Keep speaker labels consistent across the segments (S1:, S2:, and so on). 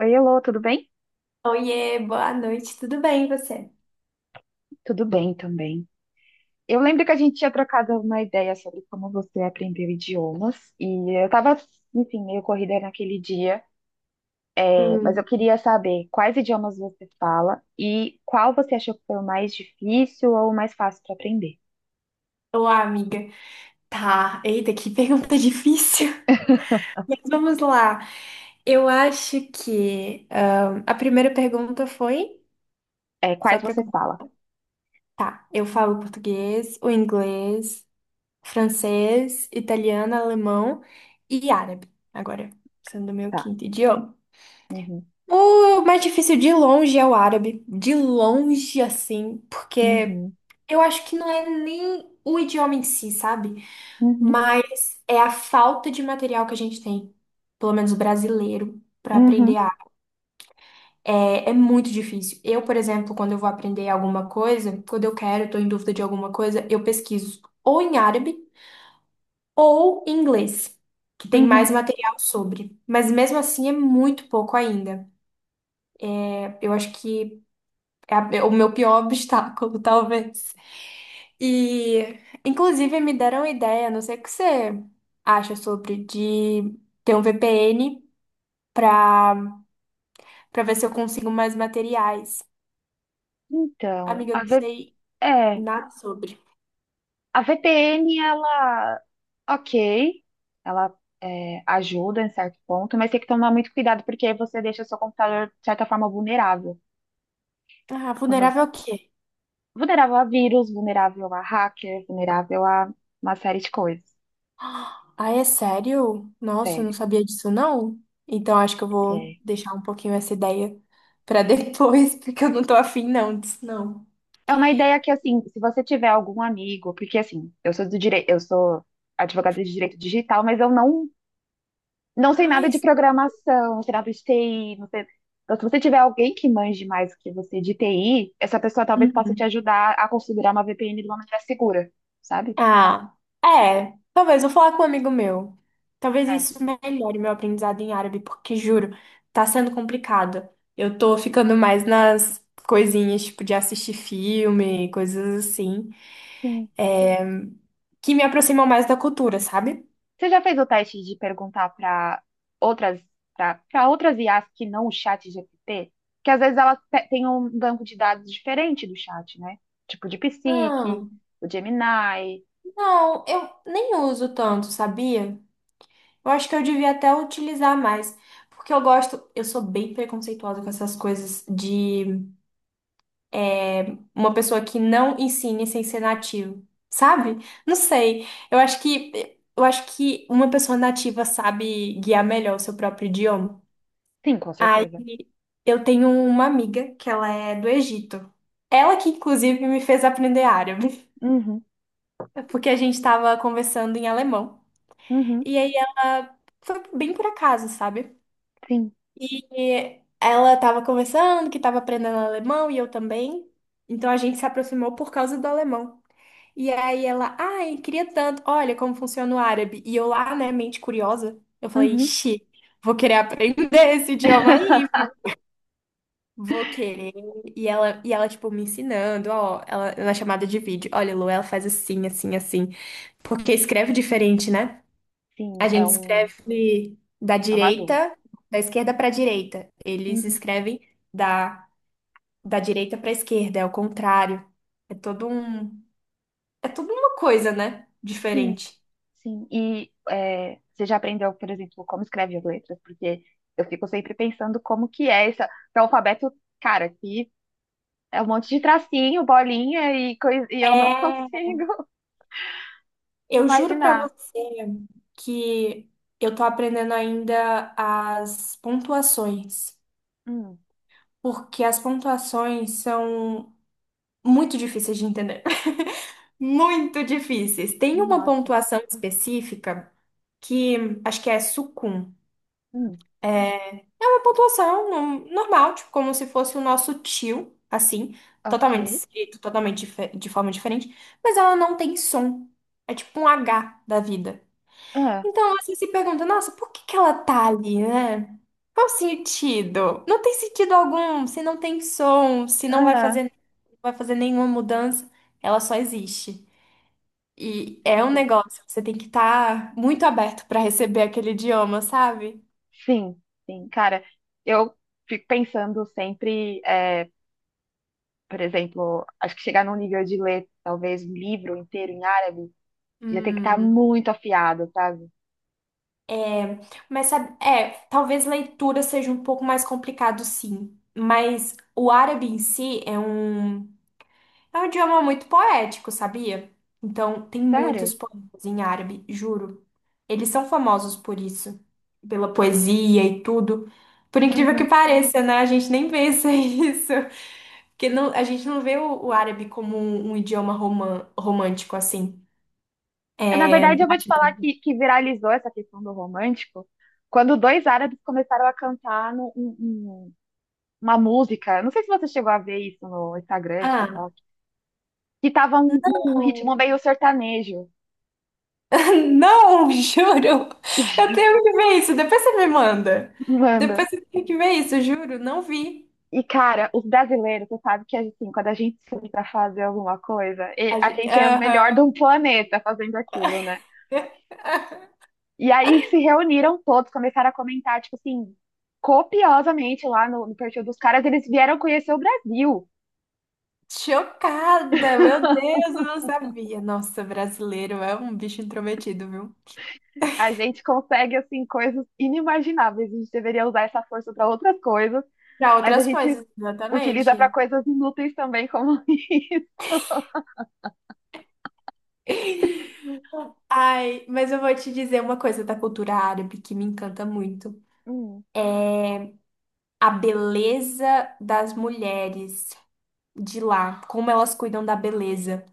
S1: Oi, Elô, tudo bem?
S2: Oiê, boa noite, tudo bem e você?
S1: Tudo bem também. Eu lembro que a gente tinha trocado uma ideia sobre como você aprendeu idiomas, e eu estava, enfim, meio corrida naquele dia, mas eu
S2: Hum,
S1: queria saber quais idiomas você fala e qual você achou que foi o mais difícil ou o mais fácil para aprender.
S2: Olá, amiga. Tá, eita, que pergunta difícil. Mas vamos lá. Eu acho que a primeira pergunta foi
S1: É,
S2: só
S1: quais
S2: para
S1: você fala?
S2: tá, eu falo português, o inglês, francês, italiano, alemão e árabe. Agora, sendo o meu
S1: Tá.
S2: quinto idioma.
S1: Uhum,
S2: O mais difícil de longe é o árabe, de longe assim, porque
S1: uhum,
S2: eu acho que não é nem o idioma em si, sabe?
S1: uhum,
S2: Mas é a falta de material que a gente tem, pelo menos o brasileiro, para
S1: uhum,
S2: aprender árabe. É muito difícil. Eu, por exemplo, quando eu vou aprender alguma coisa, quando eu quero, estou em dúvida de alguma coisa, eu pesquiso ou em árabe ou em inglês, que tem
S1: uhum.
S2: mais material sobre. Mas mesmo assim é muito pouco ainda. Eu acho que é o meu pior obstáculo, talvez. E, inclusive, me deram a ideia, não sei o que você acha sobre, de ter um VPN para para ver se eu consigo mais materiais.
S1: Então,
S2: Amiga, eu não sei
S1: É,
S2: nada sobre.
S1: a VPN, ela, ok, ela ajuda em certo ponto, mas tem que tomar muito cuidado porque aí você deixa seu computador, de certa forma, vulnerável.
S2: Ah,
S1: Quando-
S2: vulnerável ao quê?
S1: Vulnerável a vírus, vulnerável a hacker, vulnerável a uma série de coisas.
S2: Ah, é sério? Nossa, eu não
S1: Sério.
S2: sabia disso, não. Então, acho que eu vou
S1: É,
S2: deixar um pouquinho essa ideia para depois, porque eu não tô afim, não, disso, não.
S1: é uma ideia que, assim, se você tiver algum amigo, porque, assim, eu sou do direito, eu sou advogada de direito digital, mas eu não não sei nada
S2: Ai,
S1: de programação, não sei nada de TI, não sei. Então, se você tiver alguém que manje mais do que você de TI, essa pessoa talvez possa te ajudar a configurar uma VPN de uma maneira segura, sabe?
S2: ah, é. Talvez vou falar com um amigo meu. Talvez
S1: É.
S2: isso melhore meu aprendizado em árabe, porque juro, tá sendo complicado. Eu tô ficando mais nas coisinhas, tipo, de assistir filme, coisas assim,
S1: Sim.
S2: é, que me aproximam mais da cultura, sabe?
S1: Você já fez o teste de perguntar para outras, para outras IAs que não o chat GPT? Que às vezes elas têm um banco de dados diferente do chat, né? Tipo de
S2: Ah,
S1: DeepSeek, o Gemini.
S2: não, eu nem uso tanto, sabia? Eu acho que eu devia até utilizar mais, porque eu gosto, eu sou bem preconceituosa com essas coisas de é, uma pessoa que não ensine sem ser nativo, sabe? Não sei. Eu acho que uma pessoa nativa sabe guiar melhor o seu próprio idioma.
S1: Sim, com
S2: Aí
S1: certeza.
S2: eu tenho uma amiga que ela é do Egito. Ela que inclusive me fez aprender árabe,
S1: Uhum,
S2: porque a gente estava conversando em alemão.
S1: uhum,
S2: E aí ela foi bem por acaso, sabe?
S1: sim,
S2: E ela estava conversando que estava aprendendo alemão e eu também. Então a gente se aproximou por causa do alemão. E aí ela, ai, queria tanto. Olha como funciona o árabe. E eu lá, né, mente curiosa, eu falei,
S1: uhum,
S2: ixi, vou querer aprender esse idioma aí. Vou querer. E ela, tipo, me ensinando, ó, ela, na chamada de vídeo. Olha, Lu, ela faz assim, assim, assim. Porque escreve diferente, né? A
S1: sim, é
S2: gente
S1: um,
S2: escreve da
S1: é uma dúvida.
S2: direita, da esquerda pra direita. Eles
S1: Uhum.
S2: escrevem da, da direita pra esquerda, é o contrário. É todo um, é toda uma coisa, né?
S1: Sim,
S2: Diferente.
S1: sim. E você já aprendeu, por exemplo, como escreve as letras? Porque eu fico sempre pensando como que é esse alfabeto, cara, que é um monte de tracinho, bolinha e coisa, e eu não
S2: É,
S1: consigo
S2: eu juro pra
S1: imaginar.
S2: você que eu tô aprendendo ainda as pontuações,
S1: Hum,
S2: porque as pontuações são muito difíceis de entender. Muito difíceis. Tem uma
S1: nossa.
S2: pontuação específica que acho que é sucum.
S1: Hum,
S2: É é uma pontuação normal, tipo, como se fosse o nosso tio, assim, totalmente
S1: ok.
S2: escrito, de forma diferente, mas ela não tem som. É tipo um H da vida.
S1: Ah,
S2: Então você se pergunta, nossa, por que que ela tá ali, né? Qual o sentido? Não tem sentido algum, se não tem som, se não vai
S1: ah,
S2: fazer, não vai fazer nenhuma mudança, ela só existe. E é um
S1: entendi.
S2: negócio, você tem que estar muito aberto para receber aquele idioma, sabe?
S1: Sim, sim. Cara, eu fico pensando sempre, por exemplo, acho que chegar num nível de ler talvez um livro inteiro em árabe já tem que estar
S2: Hum,
S1: muito afiado, sabe?
S2: é, mas sabe, é, talvez leitura seja um pouco mais complicado, sim. Mas o árabe em si é um é um idioma muito poético, sabia? Então, tem
S1: Sério?
S2: muitos poemas em árabe, juro. Eles são famosos por isso, pela poesia e tudo. Por incrível que
S1: Uhum.
S2: pareça, né? A gente nem pensa isso. Porque não, a gente não vê o árabe como um romântico assim.
S1: É, na
S2: É,
S1: verdade, eu vou
S2: mas
S1: te falar que viralizou essa questão do romântico quando dois árabes começaram a cantar uma música. Não sei se você chegou a ver isso no Instagram,
S2: ah,
S1: TikTok, que tava um
S2: não.
S1: ritmo meio sertanejo.
S2: Não, juro. Eu tenho que ver isso. Depois você me manda.
S1: Manda.
S2: Depois você tem que ver isso, juro. Não vi.
S1: E, cara, os brasileiros, você sabe que assim, quando a gente se une pra fazer alguma coisa,
S2: A
S1: a
S2: gente,
S1: gente é o melhor
S2: aham.
S1: do planeta fazendo aquilo, né? E aí se reuniram todos, começaram a comentar, tipo assim, copiosamente lá no perfil dos caras, eles vieram conhecer o Brasil.
S2: Chocada! Meu Deus, eu não sabia. Nossa, brasileiro é um bicho intrometido, viu?
S1: A gente consegue, assim, coisas inimagináveis. A gente deveria usar essa força para outras coisas,
S2: Pra
S1: mas a
S2: outras
S1: gente
S2: coisas,
S1: utiliza para
S2: exatamente.
S1: coisas inúteis também, como isso.
S2: Ai, mas eu vou te dizer uma coisa da cultura árabe que me encanta muito.
S1: Hum,
S2: A beleza das mulheres de lá, como elas cuidam da beleza.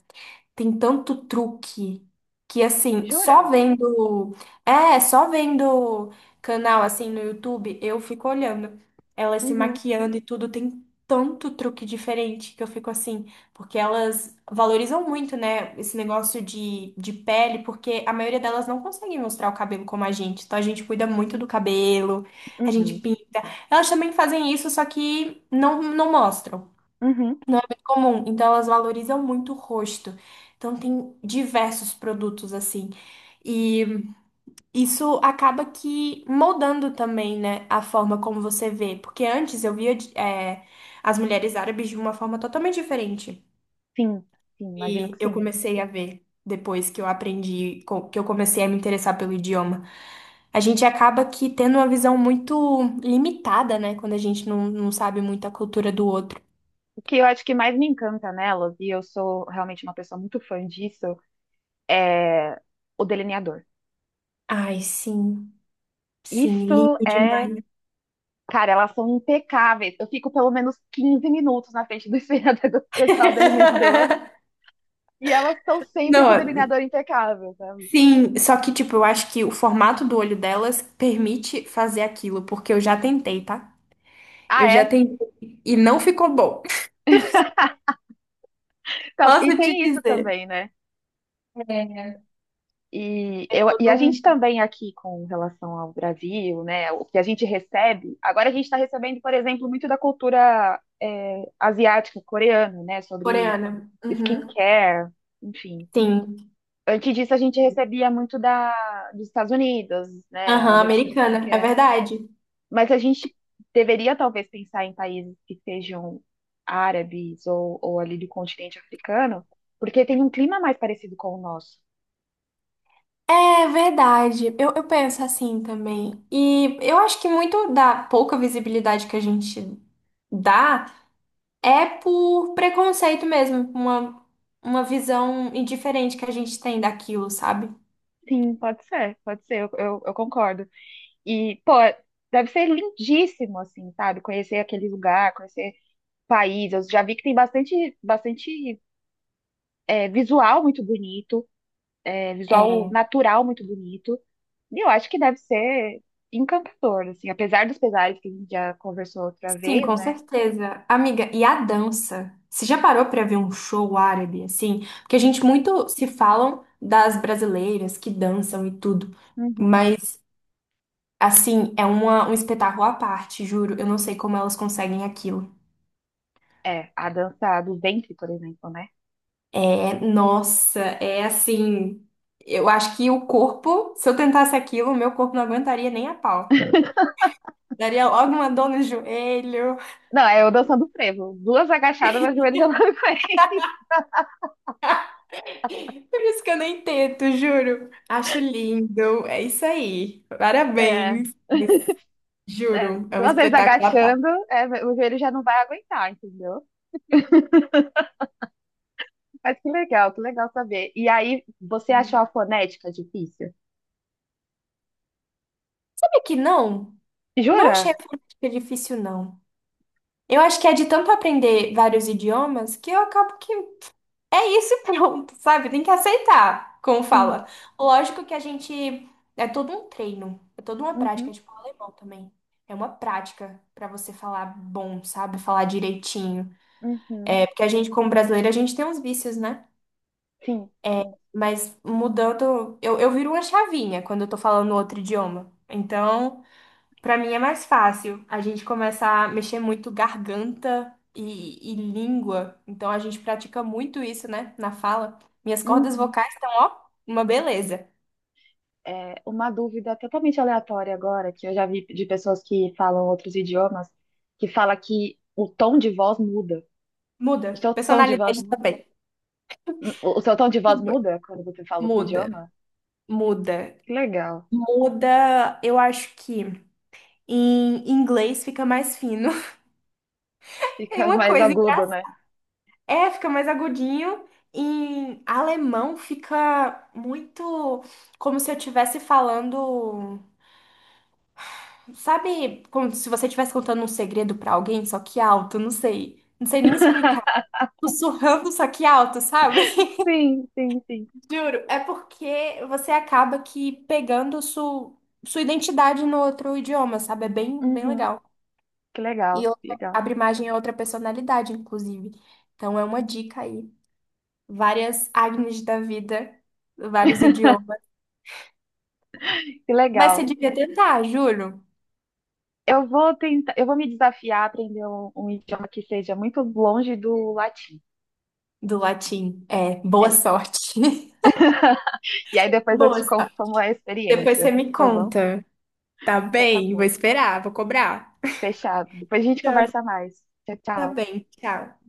S2: Tem tanto truque que assim, só
S1: jura?
S2: vendo, só vendo canal assim no YouTube, eu fico olhando elas se
S1: Uhum,
S2: maquiando e tudo, tem tanto truque diferente que eu fico assim, porque elas valorizam muito, né, esse negócio de pele, porque a maioria delas não consegue mostrar o cabelo como a gente. Então a gente cuida muito do cabelo, a gente
S1: uhum,
S2: pinta. Elas também fazem isso, só que não mostram
S1: uhum.
S2: comum, então elas valorizam muito o rosto. Então tem diversos produtos assim. E isso acaba que moldando também, né, a forma como você vê. Porque antes eu via, é, as mulheres árabes de uma forma totalmente diferente.
S1: Sim, sim, imagino
S2: E
S1: que
S2: eu
S1: sim.
S2: comecei a ver depois que que eu comecei a me interessar pelo idioma. A gente acaba que tendo uma visão muito limitada, né, quando a gente não sabe muito a cultura do outro.
S1: O que eu acho que mais me encanta nelas, e eu sou realmente uma pessoa muito fã disso, é o delineador.
S2: Ai, sim, sim,
S1: Isso
S2: lindo
S1: é
S2: demais.
S1: Cara, elas são impecáveis. Eu fico pelo menos 15 minutos na frente do espelhador do digital delineador. E elas estão sempre com o
S2: Não,
S1: delineador impecável, sabe?
S2: sim, só que, tipo, eu acho que o formato do olho delas permite fazer aquilo, porque eu já tentei, tá?
S1: Ah,
S2: Eu já
S1: é?
S2: tentei e não ficou bom.
S1: Então,
S2: Posso
S1: e
S2: te
S1: tem isso
S2: dizer.
S1: também, né?
S2: É.
S1: E,
S2: É
S1: a
S2: tudo
S1: gente
S2: um
S1: também aqui com relação ao Brasil, né? O que a gente recebe. Agora a gente está recebendo, por exemplo, muito da cultura, asiática, coreana, né? Sobre
S2: coreana. Uhum.
S1: skincare, enfim.
S2: Sim.
S1: Antes disso, a gente recebia muito dos Estados Unidos, né? A
S2: Aham,
S1: rotina de
S2: americana. É
S1: skincare.
S2: verdade.
S1: Mas a gente deveria talvez pensar em países que sejam árabes ou ali do continente africano, porque tem um clima mais parecido com o nosso.
S2: É verdade. Eu penso assim também. E eu acho que muito da pouca visibilidade que a gente dá. É por preconceito mesmo, uma visão indiferente que a gente tem daquilo, sabe?
S1: Sim, pode ser, eu concordo. E, pô, deve ser lindíssimo, assim, sabe? Conhecer aquele lugar, conhecer o país. Eu já vi que tem bastante visual muito bonito, visual
S2: É,
S1: natural muito bonito. E eu acho que deve ser encantador, assim, apesar dos pesares que a gente já conversou outra
S2: sim,
S1: vez,
S2: com
S1: né?
S2: certeza. Amiga, e a dança? Você já parou pra ver um show árabe, assim? Porque a gente muito se falam das brasileiras que dançam e tudo,
S1: Uhum.
S2: mas, assim, é uma, um espetáculo à parte, juro. Eu não sei como elas conseguem aquilo.
S1: É, a dança do ventre, por exemplo, né?
S2: É, nossa, é assim. Eu acho que o corpo, se eu tentasse aquilo, o meu corpo não aguentaria nem a pau. Daria logo uma dor no joelho.
S1: Não, é eu dançando frevo. Duas agachadas, meu joelho já não aguenta.
S2: Por isso que eu nem tento, juro. Acho lindo. É isso aí.
S1: É,
S2: Parabéns. Mas,
S1: é,
S2: juro, é um
S1: duas vezes
S2: espetáculo à parte.
S1: agachando, o joelho já não vai aguentar, entendeu? Mas que legal saber. E aí, você achou a fonética difícil?
S2: Sabe que não? Não
S1: Jura?
S2: achei a fonética difícil, não. Eu acho que é de tanto aprender vários idiomas que eu acabo que é isso e pronto, sabe? Tem que aceitar, como
S1: Sim.
S2: fala. Lógico que a gente. É todo um treino, é toda uma prática, é
S1: Uhum,
S2: tipo alemão também. É uma prática pra você falar bom, sabe? Falar direitinho.
S1: uhum.
S2: É porque a gente, como brasileiro, a gente tem uns vícios, né?
S1: Sim,
S2: É,
S1: sim.
S2: mas mudando, eu viro uma chavinha quando eu tô falando outro idioma. Então. Pra mim é mais fácil. A gente começa a mexer muito garganta e língua. Então a gente pratica muito isso, né? Na fala. Minhas cordas
S1: Uhum.
S2: vocais estão, ó, uma beleza.
S1: É, uma dúvida totalmente aleatória agora, que eu já vi de pessoas que falam outros idiomas, que fala que o tom de voz muda.
S2: Muda.
S1: O seu tom de voz
S2: Personalidade
S1: muda.
S2: também.
S1: O seu tom de voz
S2: Os dois.
S1: muda quando você fala outro
S2: Muda.
S1: idioma?
S2: Muda.
S1: Que legal.
S2: Muda, eu acho que em inglês fica mais fino. Tem
S1: Fica
S2: uma
S1: mais
S2: coisa
S1: agudo,
S2: engraçada.
S1: né?
S2: É, fica mais agudinho. Em alemão fica muito como se eu estivesse falando. Sabe como se você estivesse contando um segredo pra alguém, só que alto, não sei. Não sei nem explicar. Sussurrando, só que alto, sabe?
S1: Sim, sim, sim.
S2: Juro, é porque você acaba que pegando sua identidade no outro idioma, sabe? É bem, bem
S1: Uhum.
S2: legal.
S1: Que
S2: E
S1: legal, que legal,
S2: abre margem a outra personalidade, inclusive. Então é uma dica aí. Várias Agnes da vida, vários idiomas.
S1: que
S2: Mas você
S1: legal.
S2: devia tentar, juro.
S1: Eu vou tentar, eu vou me desafiar a aprender um idioma que seja muito longe do latim.
S2: Do latim. É, boa
S1: É.
S2: sorte.
S1: E aí depois eu
S2: Boa
S1: te conto
S2: sorte.
S1: como é a
S2: Depois você
S1: experiência,
S2: me
S1: tá bom?
S2: conta. Tá
S1: Então tá
S2: bem, vou
S1: bom.
S2: esperar, vou cobrar.
S1: Fechado. Depois a gente
S2: Tchau.
S1: conversa mais. Tchau,
S2: Tá
S1: tchau.
S2: bem, tchau.